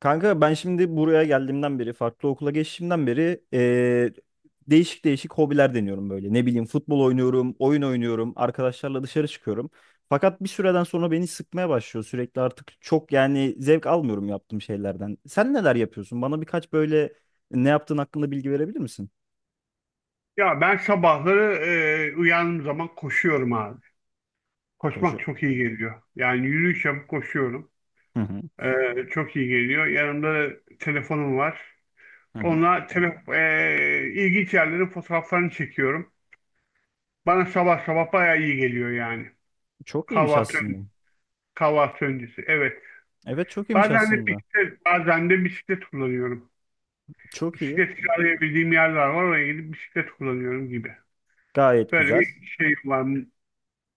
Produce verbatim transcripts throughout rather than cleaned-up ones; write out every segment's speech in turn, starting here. Kanka ben şimdi buraya geldiğimden beri, farklı okula geçtiğimden beri eee, değişik değişik hobiler deniyorum böyle. Ne bileyim futbol oynuyorum, oyun oynuyorum, arkadaşlarla dışarı çıkıyorum. Fakat bir süreden sonra beni sıkmaya başlıyor sürekli artık çok yani zevk almıyorum yaptığım şeylerden. Sen neler yapıyorsun? Bana birkaç böyle ne yaptığın hakkında bilgi verebilir misin? Ya ben sabahları e, uyandığım zaman koşuyorum abi. Koşu. Koşmak çok iyi geliyor. Yani yürüyüş yapıp koşuyorum. Hı hı, E, çok iyi geliyor. Yanımda da telefonum var. hı hı. Onunla tele, e, ilginç yerlerin fotoğraflarını çekiyorum. Bana sabah sabah bayağı iyi geliyor yani. Çok iyiymiş Kahvaltı, aslında. Kahvaltı öncesi. Evet. Evet çok iyiymiş Bazen de aslında. Bisiklet, bazen de bisiklet kullanıyorum. Çok iyi. Bisiklet kiralayabildiğim yerler var. Oraya gidip bisiklet kullanıyorum gibi. Gayet Böyle güzel. bir şey var,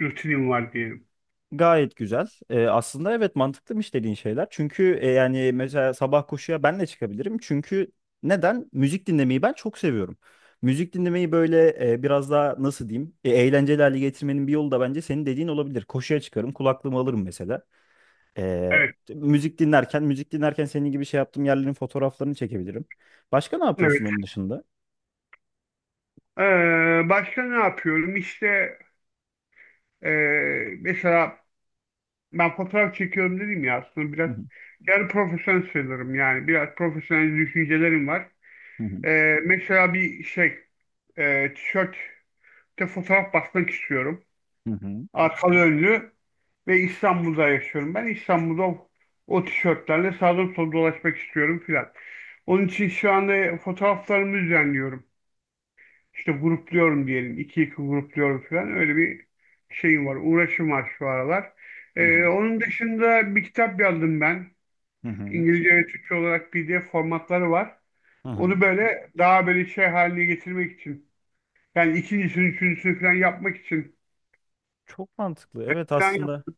rutinim var diyelim. Gayet güzel. Ee, aslında evet mantıklıymış dediğin şeyler. Çünkü e, yani mesela sabah koşuya ben de çıkabilirim. Çünkü neden? Müzik dinlemeyi ben çok seviyorum. Müzik dinlemeyi böyle e, biraz daha nasıl diyeyim? E, eğlenceli hale getirmenin bir yolu da bence senin dediğin olabilir. Koşuya çıkarım, kulaklığımı alırım mesela. Ee, Evet. müzik dinlerken, müzik dinlerken senin gibi şey yaptığım yerlerin fotoğraflarını çekebilirim. Başka ne yapıyorsun onun dışında? Ee, başka ne yapıyorum? İşte e, mesela ben fotoğraf çekiyorum dedim ya, aslında biraz Hı hı, yarı profesyonel sayılırım, yani biraz profesyonel düşüncelerim var. hı hı, Ee, mesela bir şey, e, tişörtte fotoğraf basmak istiyorum. hı hı, Arkalı önlü ve İstanbul'da yaşıyorum. Ben İstanbul'da o o tişörtlerle sağdan sola dolaşmak istiyorum filan. Onun için şu anda fotoğraflarımı düzenliyorum. İşte grupluyorum diyelim. İki iki grupluyorum falan. Öyle bir şeyim var. Uğraşım var şu aralar. Ee, onun dışında bir kitap yazdım ben. hı hı, İngilizce ve Türkçe olarak P D F formatları var. hı. Onu böyle daha böyle şey haline getirmek için. Yani ikincisini, üçüncüsünü falan yapmak için. Çok mantıklı. Evet Falan aslında. yap-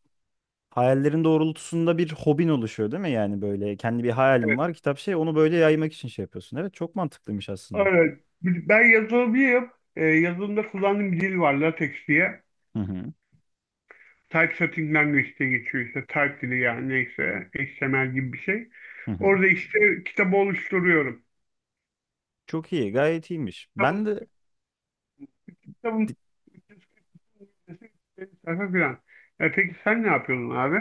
Hayallerin doğrultusunda bir hobin oluşuyor değil mi? Yani böyle kendi bir hayalim evet. var, kitap şey onu böyle yaymak için şey yapıyorsun. Evet çok mantıklıymış aslında. Evet. Ben yazılımcıyım. Ee, yazılımda kullandığım bir dil var. LaTeX diye. Hı hı. Typesetting Language diye geçiyor işte. Type dili yani, neyse. H T M L gibi bir şey. Hı hı. Orada işte kitabı oluşturuyorum. Çok iyi, gayet iyiymiş. kitabın, Ben de. kitabın üç yüz kırk sayfa falan. E, peki sen ne yapıyordun abi?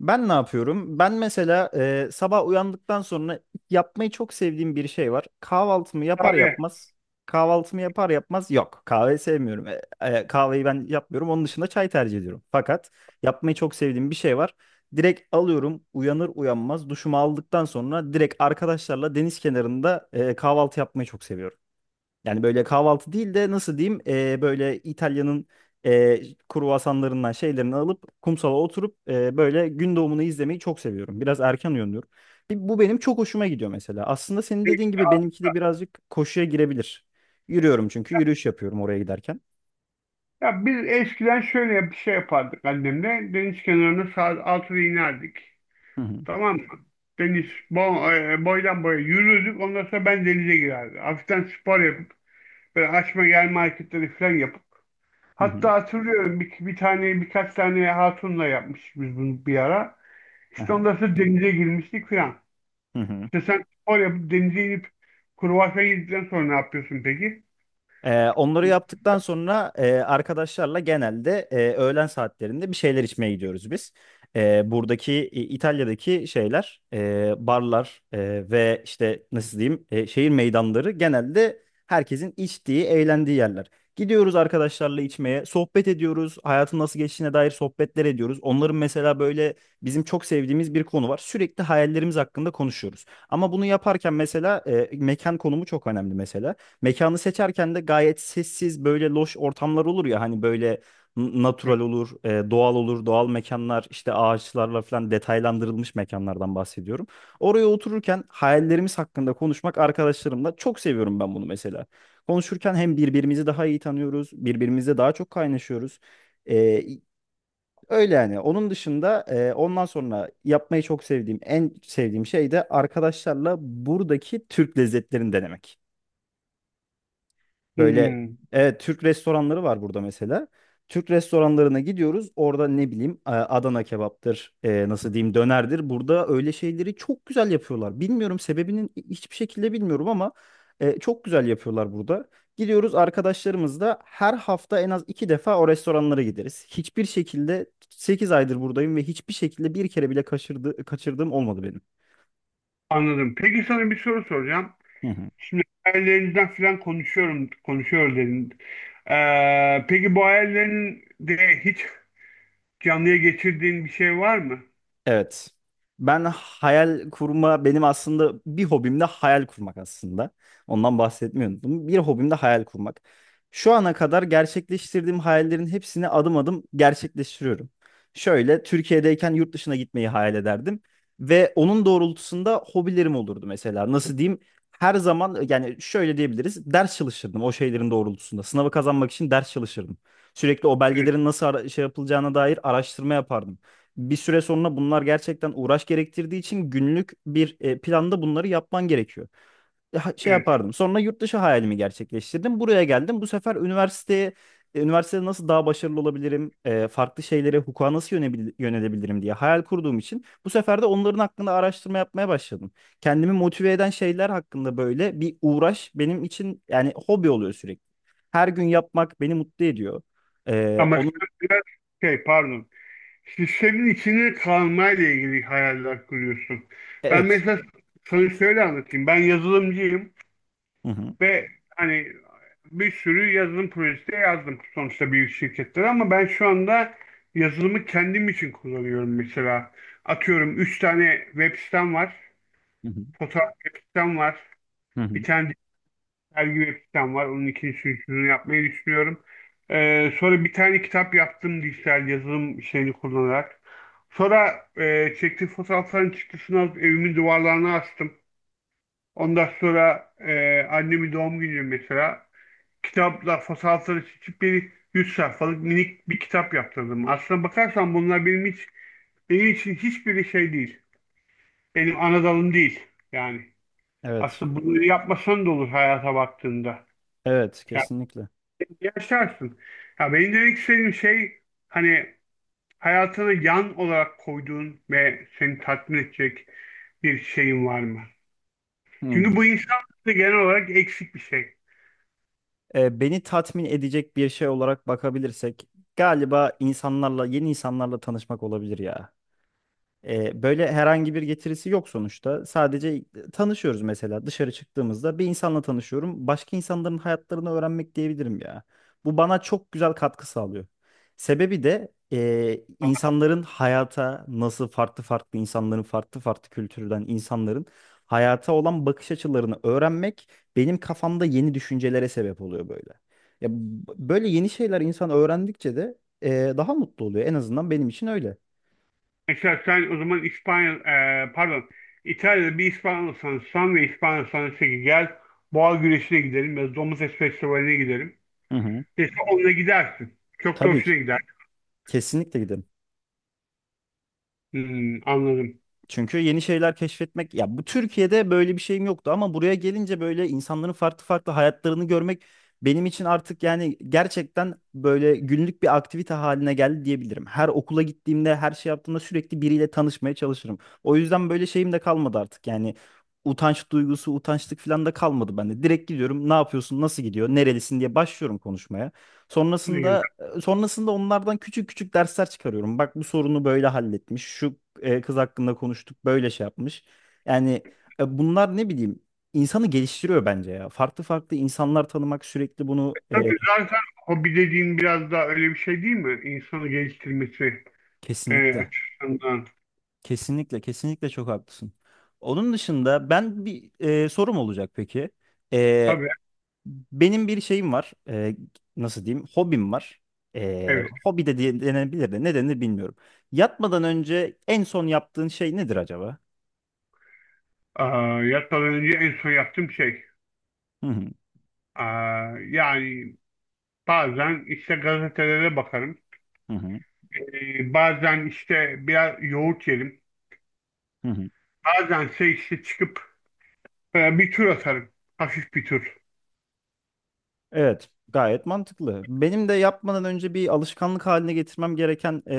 Ben ne yapıyorum? Ben mesela e, sabah uyandıktan sonra yapmayı çok sevdiğim bir şey var. Kahvaltımı yapar Abi, yapmaz, kahvaltımı yapar yapmaz yok. Kahve sevmiyorum. E, e, kahveyi ben yapmıyorum. Onun dışında çay tercih ediyorum. Fakat yapmayı çok sevdiğim bir şey var. Direkt alıyorum uyanır uyanmaz duşumu aldıktan sonra direkt arkadaşlarla deniz kenarında e, kahvaltı yapmayı çok seviyorum. Yani böyle kahvaltı değil de nasıl diyeyim e, böyle İtalya'nın e, kruvasanlarından şeylerini alıp kumsala oturup e, böyle gün doğumunu izlemeyi çok seviyorum. Biraz erken uyanıyorum. Bir- Bu benim çok hoşuma gidiyor mesela. Aslında senin dediğin gibi benimki de birazcık koşuya girebilir. Yürüyorum çünkü yürüyüş yapıyorum oraya giderken. ya biz eskiden şöyle bir şey yapardık annemle. Deniz kenarına saat altıda inerdik. Hı hı, Tamam mı? Deniz bo- e, boydan boya yürürdük. Ondan sonra ben denize girerdim. Hafiften spor yapıp böyle açma gel hareketleri falan yapıp. hı hı. Hatta hatırlıyorum, bir, bir tane, birkaç tane hatunla yapmıştık biz bunu bir ara. İşte Aha, ondan sonra denize girmiştik falan. hı hı. İşte, sen spor yapıp denize inip kruvasan yedikten sonra ne yapıyorsun peki? Ee, onları yaptıktan sonra e, arkadaşlarla genelde e, öğlen saatlerinde bir şeyler içmeye gidiyoruz biz. E, buradaki e, İtalya'daki şeyler, e, barlar e, ve işte nasıl diyeyim e, şehir meydanları genelde herkesin içtiği, eğlendiği yerler. Gidiyoruz arkadaşlarla içmeye, sohbet ediyoruz, hayatın nasıl geçtiğine dair sohbetler ediyoruz. Onların mesela böyle bizim çok sevdiğimiz bir konu var. Sürekli hayallerimiz hakkında konuşuyoruz. Ama bunu yaparken mesela e, mekan konumu çok önemli mesela. Mekanı seçerken de gayet sessiz böyle loş ortamlar olur ya hani böyle n- Evet. natural olur, e, doğal olur, doğal mekanlar işte ağaçlarla falan detaylandırılmış mekanlardan bahsediyorum. Oraya otururken hayallerimiz hakkında konuşmak arkadaşlarımla çok seviyorum ben bunu mesela. Konuşurken hem birbirimizi daha iyi tanıyoruz, birbirimizle daha çok kaynaşıyoruz. E, Öyle yani. Onun dışında e, ondan sonra yapmayı çok sevdiğim, en sevdiğim şey de arkadaşlarla buradaki Türk lezzetlerini denemek. Böyle Hmm, evet Türk restoranları var burada mesela. Türk restoranlarına gidiyoruz. Orada ne bileyim e, Adana kebaptır, e, nasıl diyeyim dönerdir. Burada öyle şeyleri çok güzel yapıyorlar. Bilmiyorum sebebinin hiçbir şekilde bilmiyorum ama e, çok güzel yapıyorlar burada. Gidiyoruz arkadaşlarımızla her hafta en az iki defa o restoranlara gideriz. Hiçbir şekilde sekiz aydır buradayım ve hiçbir şekilde bir kere bile kaçırdı, kaçırdığım olmadı benim. anladım. Peki, sana bir soru soracağım. Hı hı. Şimdi hayallerinden falan konuşuyorum, konuşuyor dedin. Ee, peki bu hayallerinde hiç canlıya geçirdiğin bir şey var mı? Evet. Ben hayal kurma Benim aslında bir hobim de hayal kurmak aslında. Ondan bahsetmiyordum. Bir hobim de hayal kurmak. Şu ana kadar gerçekleştirdiğim hayallerin hepsini adım adım gerçekleştiriyorum. Şöyle Türkiye'deyken yurt dışına gitmeyi hayal ederdim ve onun doğrultusunda hobilerim olurdu mesela. Nasıl diyeyim? Her zaman yani şöyle diyebiliriz. Ders çalışırdım o şeylerin doğrultusunda. Sınavı kazanmak için ders çalışırdım. Sürekli o Evet, belgelerin nasıl ara- şey yapılacağına dair araştırma yapardım. Bir süre sonra bunlar gerçekten uğraş gerektirdiği için günlük bir e, planda bunları yapman gerekiyor. E, ha- Şey evet. yapardım. Sonra yurt dışı hayalimi gerçekleştirdim. Buraya geldim. Bu sefer üniversiteye e, üniversitede nasıl daha başarılı olabilirim? E, farklı şeylere, hukuka nasıl yönebil- yönelebilirim diye hayal kurduğum için bu sefer de onların hakkında araştırma yapmaya başladım. Kendimi motive eden şeyler hakkında böyle bir uğraş benim için yani hobi oluyor sürekli. Her gün yapmak beni mutlu ediyor. E, Ama Onun sen biraz şey, pardon. İşte senin içine kalmayla ilgili hayaller kuruyorsun. Ben evet. mesela sana şöyle anlatayım. Ben yazılımcıyım. Hı hı. Ve hani bir sürü yazılım projesi de yazdım sonuçta büyük şirketlere, ama ben şu anda yazılımı kendim için kullanıyorum mesela. Atıyorum, üç tane web sitem var, Hı hı. fotoğraf web sitem var, Hı hı. bir tane dergi web sitem var. Onun ikincisini, üçüncüsünü yapmayı düşünüyorum. Ee, sonra bir tane kitap yaptım dijital yazılım şeyini kullanarak. Sonra e, çektiğim fotoğrafların çıktısını alıp evimin duvarlarına astım. Ondan sonra e, annemin doğum günü mesela, kitapla fasalları seçip bir yüz sayfalık minik bir kitap yaptırdım. Aslına bakarsan bunlar benim hiç, benim için hiçbir şey değil. Benim ana dalım değil. Yani Evet. aslında bunu yapmasan da olur hayata baktığında. Evet, Yani kesinlikle. yaşarsın. Ya, benim demek istediğim şey, hani, hayatını yan olarak koyduğun ve seni tatmin edecek bir şeyin var mı? Çünkü Hmm, bu insanlarda genel olarak eksik bir şey. E, beni tatmin edecek bir şey olarak bakabilirsek galiba insanlarla, yeni insanlarla tanışmak olabilir ya. E, böyle herhangi bir getirisi yok sonuçta. Sadece tanışıyoruz mesela dışarı çıktığımızda bir insanla tanışıyorum. Başka insanların hayatlarını öğrenmek diyebilirim ya. Bu bana çok güzel katkı sağlıyor. Sebebi de e, insanların hayata nasıl farklı farklı insanların farklı farklı kültürden insanların hayata olan bakış açılarını öğrenmek benim kafamda yeni düşüncelere sebep oluyor böyle. Ya, b- böyle yeni şeyler insan öğrendikçe de e, daha mutlu oluyor. En azından benim için öyle. Mesela sen o zaman İspanya, e, pardon, İtalya'da bir İspanyolsan, sen ve İspanyolsan dese ki gel boğa güreşine gidelim ya da domuz et festivaline gidelim. Hı hı. Dese onunla gidersin. Çok da Tabii ki. hoşuna gider. Kesinlikle gidelim. Hmm, anladım. Çünkü yeni şeyler keşfetmek ya bu Türkiye'de böyle bir şeyim yoktu ama buraya gelince böyle insanların farklı farklı hayatlarını görmek benim için artık yani gerçekten böyle günlük bir aktivite haline geldi diyebilirim. Her okula gittiğimde, her şey yaptığımda sürekli biriyle tanışmaya çalışırım. O yüzden böyle şeyim de kalmadı artık. Yani utanç duygusu, utançlık falan da kalmadı bende. Direkt gidiyorum. Ne yapıyorsun? Nasıl gidiyor? Nerelisin diye başlıyorum konuşmaya. Ne güzel. Sonrasında Sonrasında onlardan küçük küçük dersler çıkarıyorum. Bak bu sorunu böyle halletmiş. Şu e, kız hakkında konuştuk, böyle şey yapmış. Yani e, bunlar ne bileyim insanı geliştiriyor bence ya. Farklı farklı insanlar tanımak sürekli bunu. e, Tabii, zaten hobi dediğin biraz daha öyle bir şey değil mi? İnsanı geliştirmesi e, Kesinlikle. açısından. Kesinlikle, kesinlikle çok haklısın. Onun dışında ben bir e, sorum olacak peki. E, Tabii, Benim bir şeyim var. Ee, nasıl diyeyim? Hobim var. Ee, evet. Hobi de diye- denebilir de ne denir bilmiyorum. Yatmadan önce en son yaptığın şey nedir acaba? Aa, yatmadan önce en son yaptığım şey. Hı hı, Aa, yani bazen işte gazetelere bakarım. hı hı, E, bazen işte biraz yoğurt yerim. hı hı. Bazense işte çıkıp e, bir tur atarım. Hafif bir tur. Evet, gayet mantıklı. Benim de yapmadan önce bir alışkanlık haline getirmem gereken ee,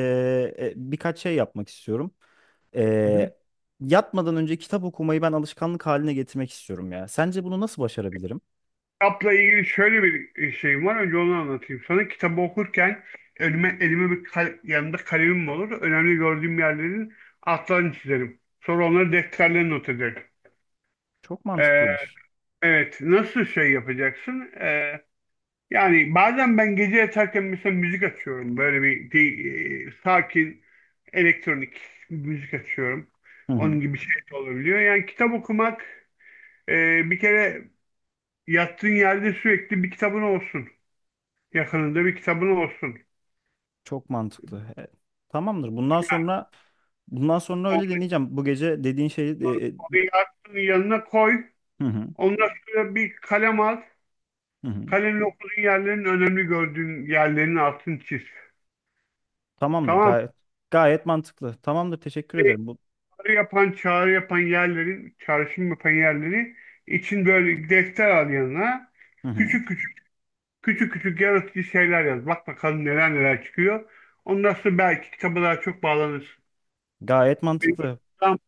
e, birkaç şey yapmak istiyorum. Ee, Hı. Yatmadan önce kitap okumayı ben alışkanlık haline getirmek istiyorum ya. Sence bunu nasıl başarabilirim? Kitapla ilgili şöyle bir e, şeyim var. Önce onu anlatayım sana. Kitabı okurken önüme, elime bir kal- yanında kalemim olur. Önemli gördüğüm yerlerin altlarını çizerim. Sonra onları defterlerine not ederim. Çok E, mantıklıymış. evet. Nasıl şey yapacaksın? E, Yani bazen ben gece yatarken mesela müzik açıyorum. Böyle bir de- e, sakin elektronik müzik açıyorum. Onun gibi şey de olabiliyor. Yani kitap okumak, e, bir kere, yattığın yerde sürekli bir kitabın olsun. Yakınında bir kitabın olsun. Çok mantıklı. E, tamamdır. Bundan sonra bundan sonra öyle Onu, deneyeceğim. Bu gece dediğin şeyi. Onu, e, e, onu yattığın yanına koy. Hı hı, Ondan sonra bir kalem al. hı hı. Kalemle okuduğun yerlerin, önemli gördüğün yerlerin altını çiz. Tamamdır. Tamam Gayet gayet mantıklı. Tamamdır. Teşekkür mı? ederim. Bu çağrı yapan çağrı yapan yerlerin, çağrışım yapan yerleri için böyle defter al yanına, Hı hı. küçük küçük küçük küçük yaratıcı şeyler yaz. Bak bakalım neler neler çıkıyor. Ondan sonra belki kitaba daha çok bağlanırsın. Gayet Bir- mantıklı. tam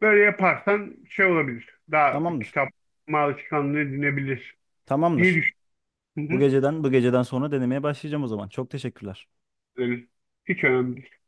Böyle yaparsan şey olabilir. Daha bir Tamamdır. kitap alışkanlığı edinebilir diye Tamamdır. düşünüyorum. Hı Bu hı. geceden bu geceden sonra denemeye başlayacağım o zaman. Çok teşekkürler. Öyle. Hiç önemli değil.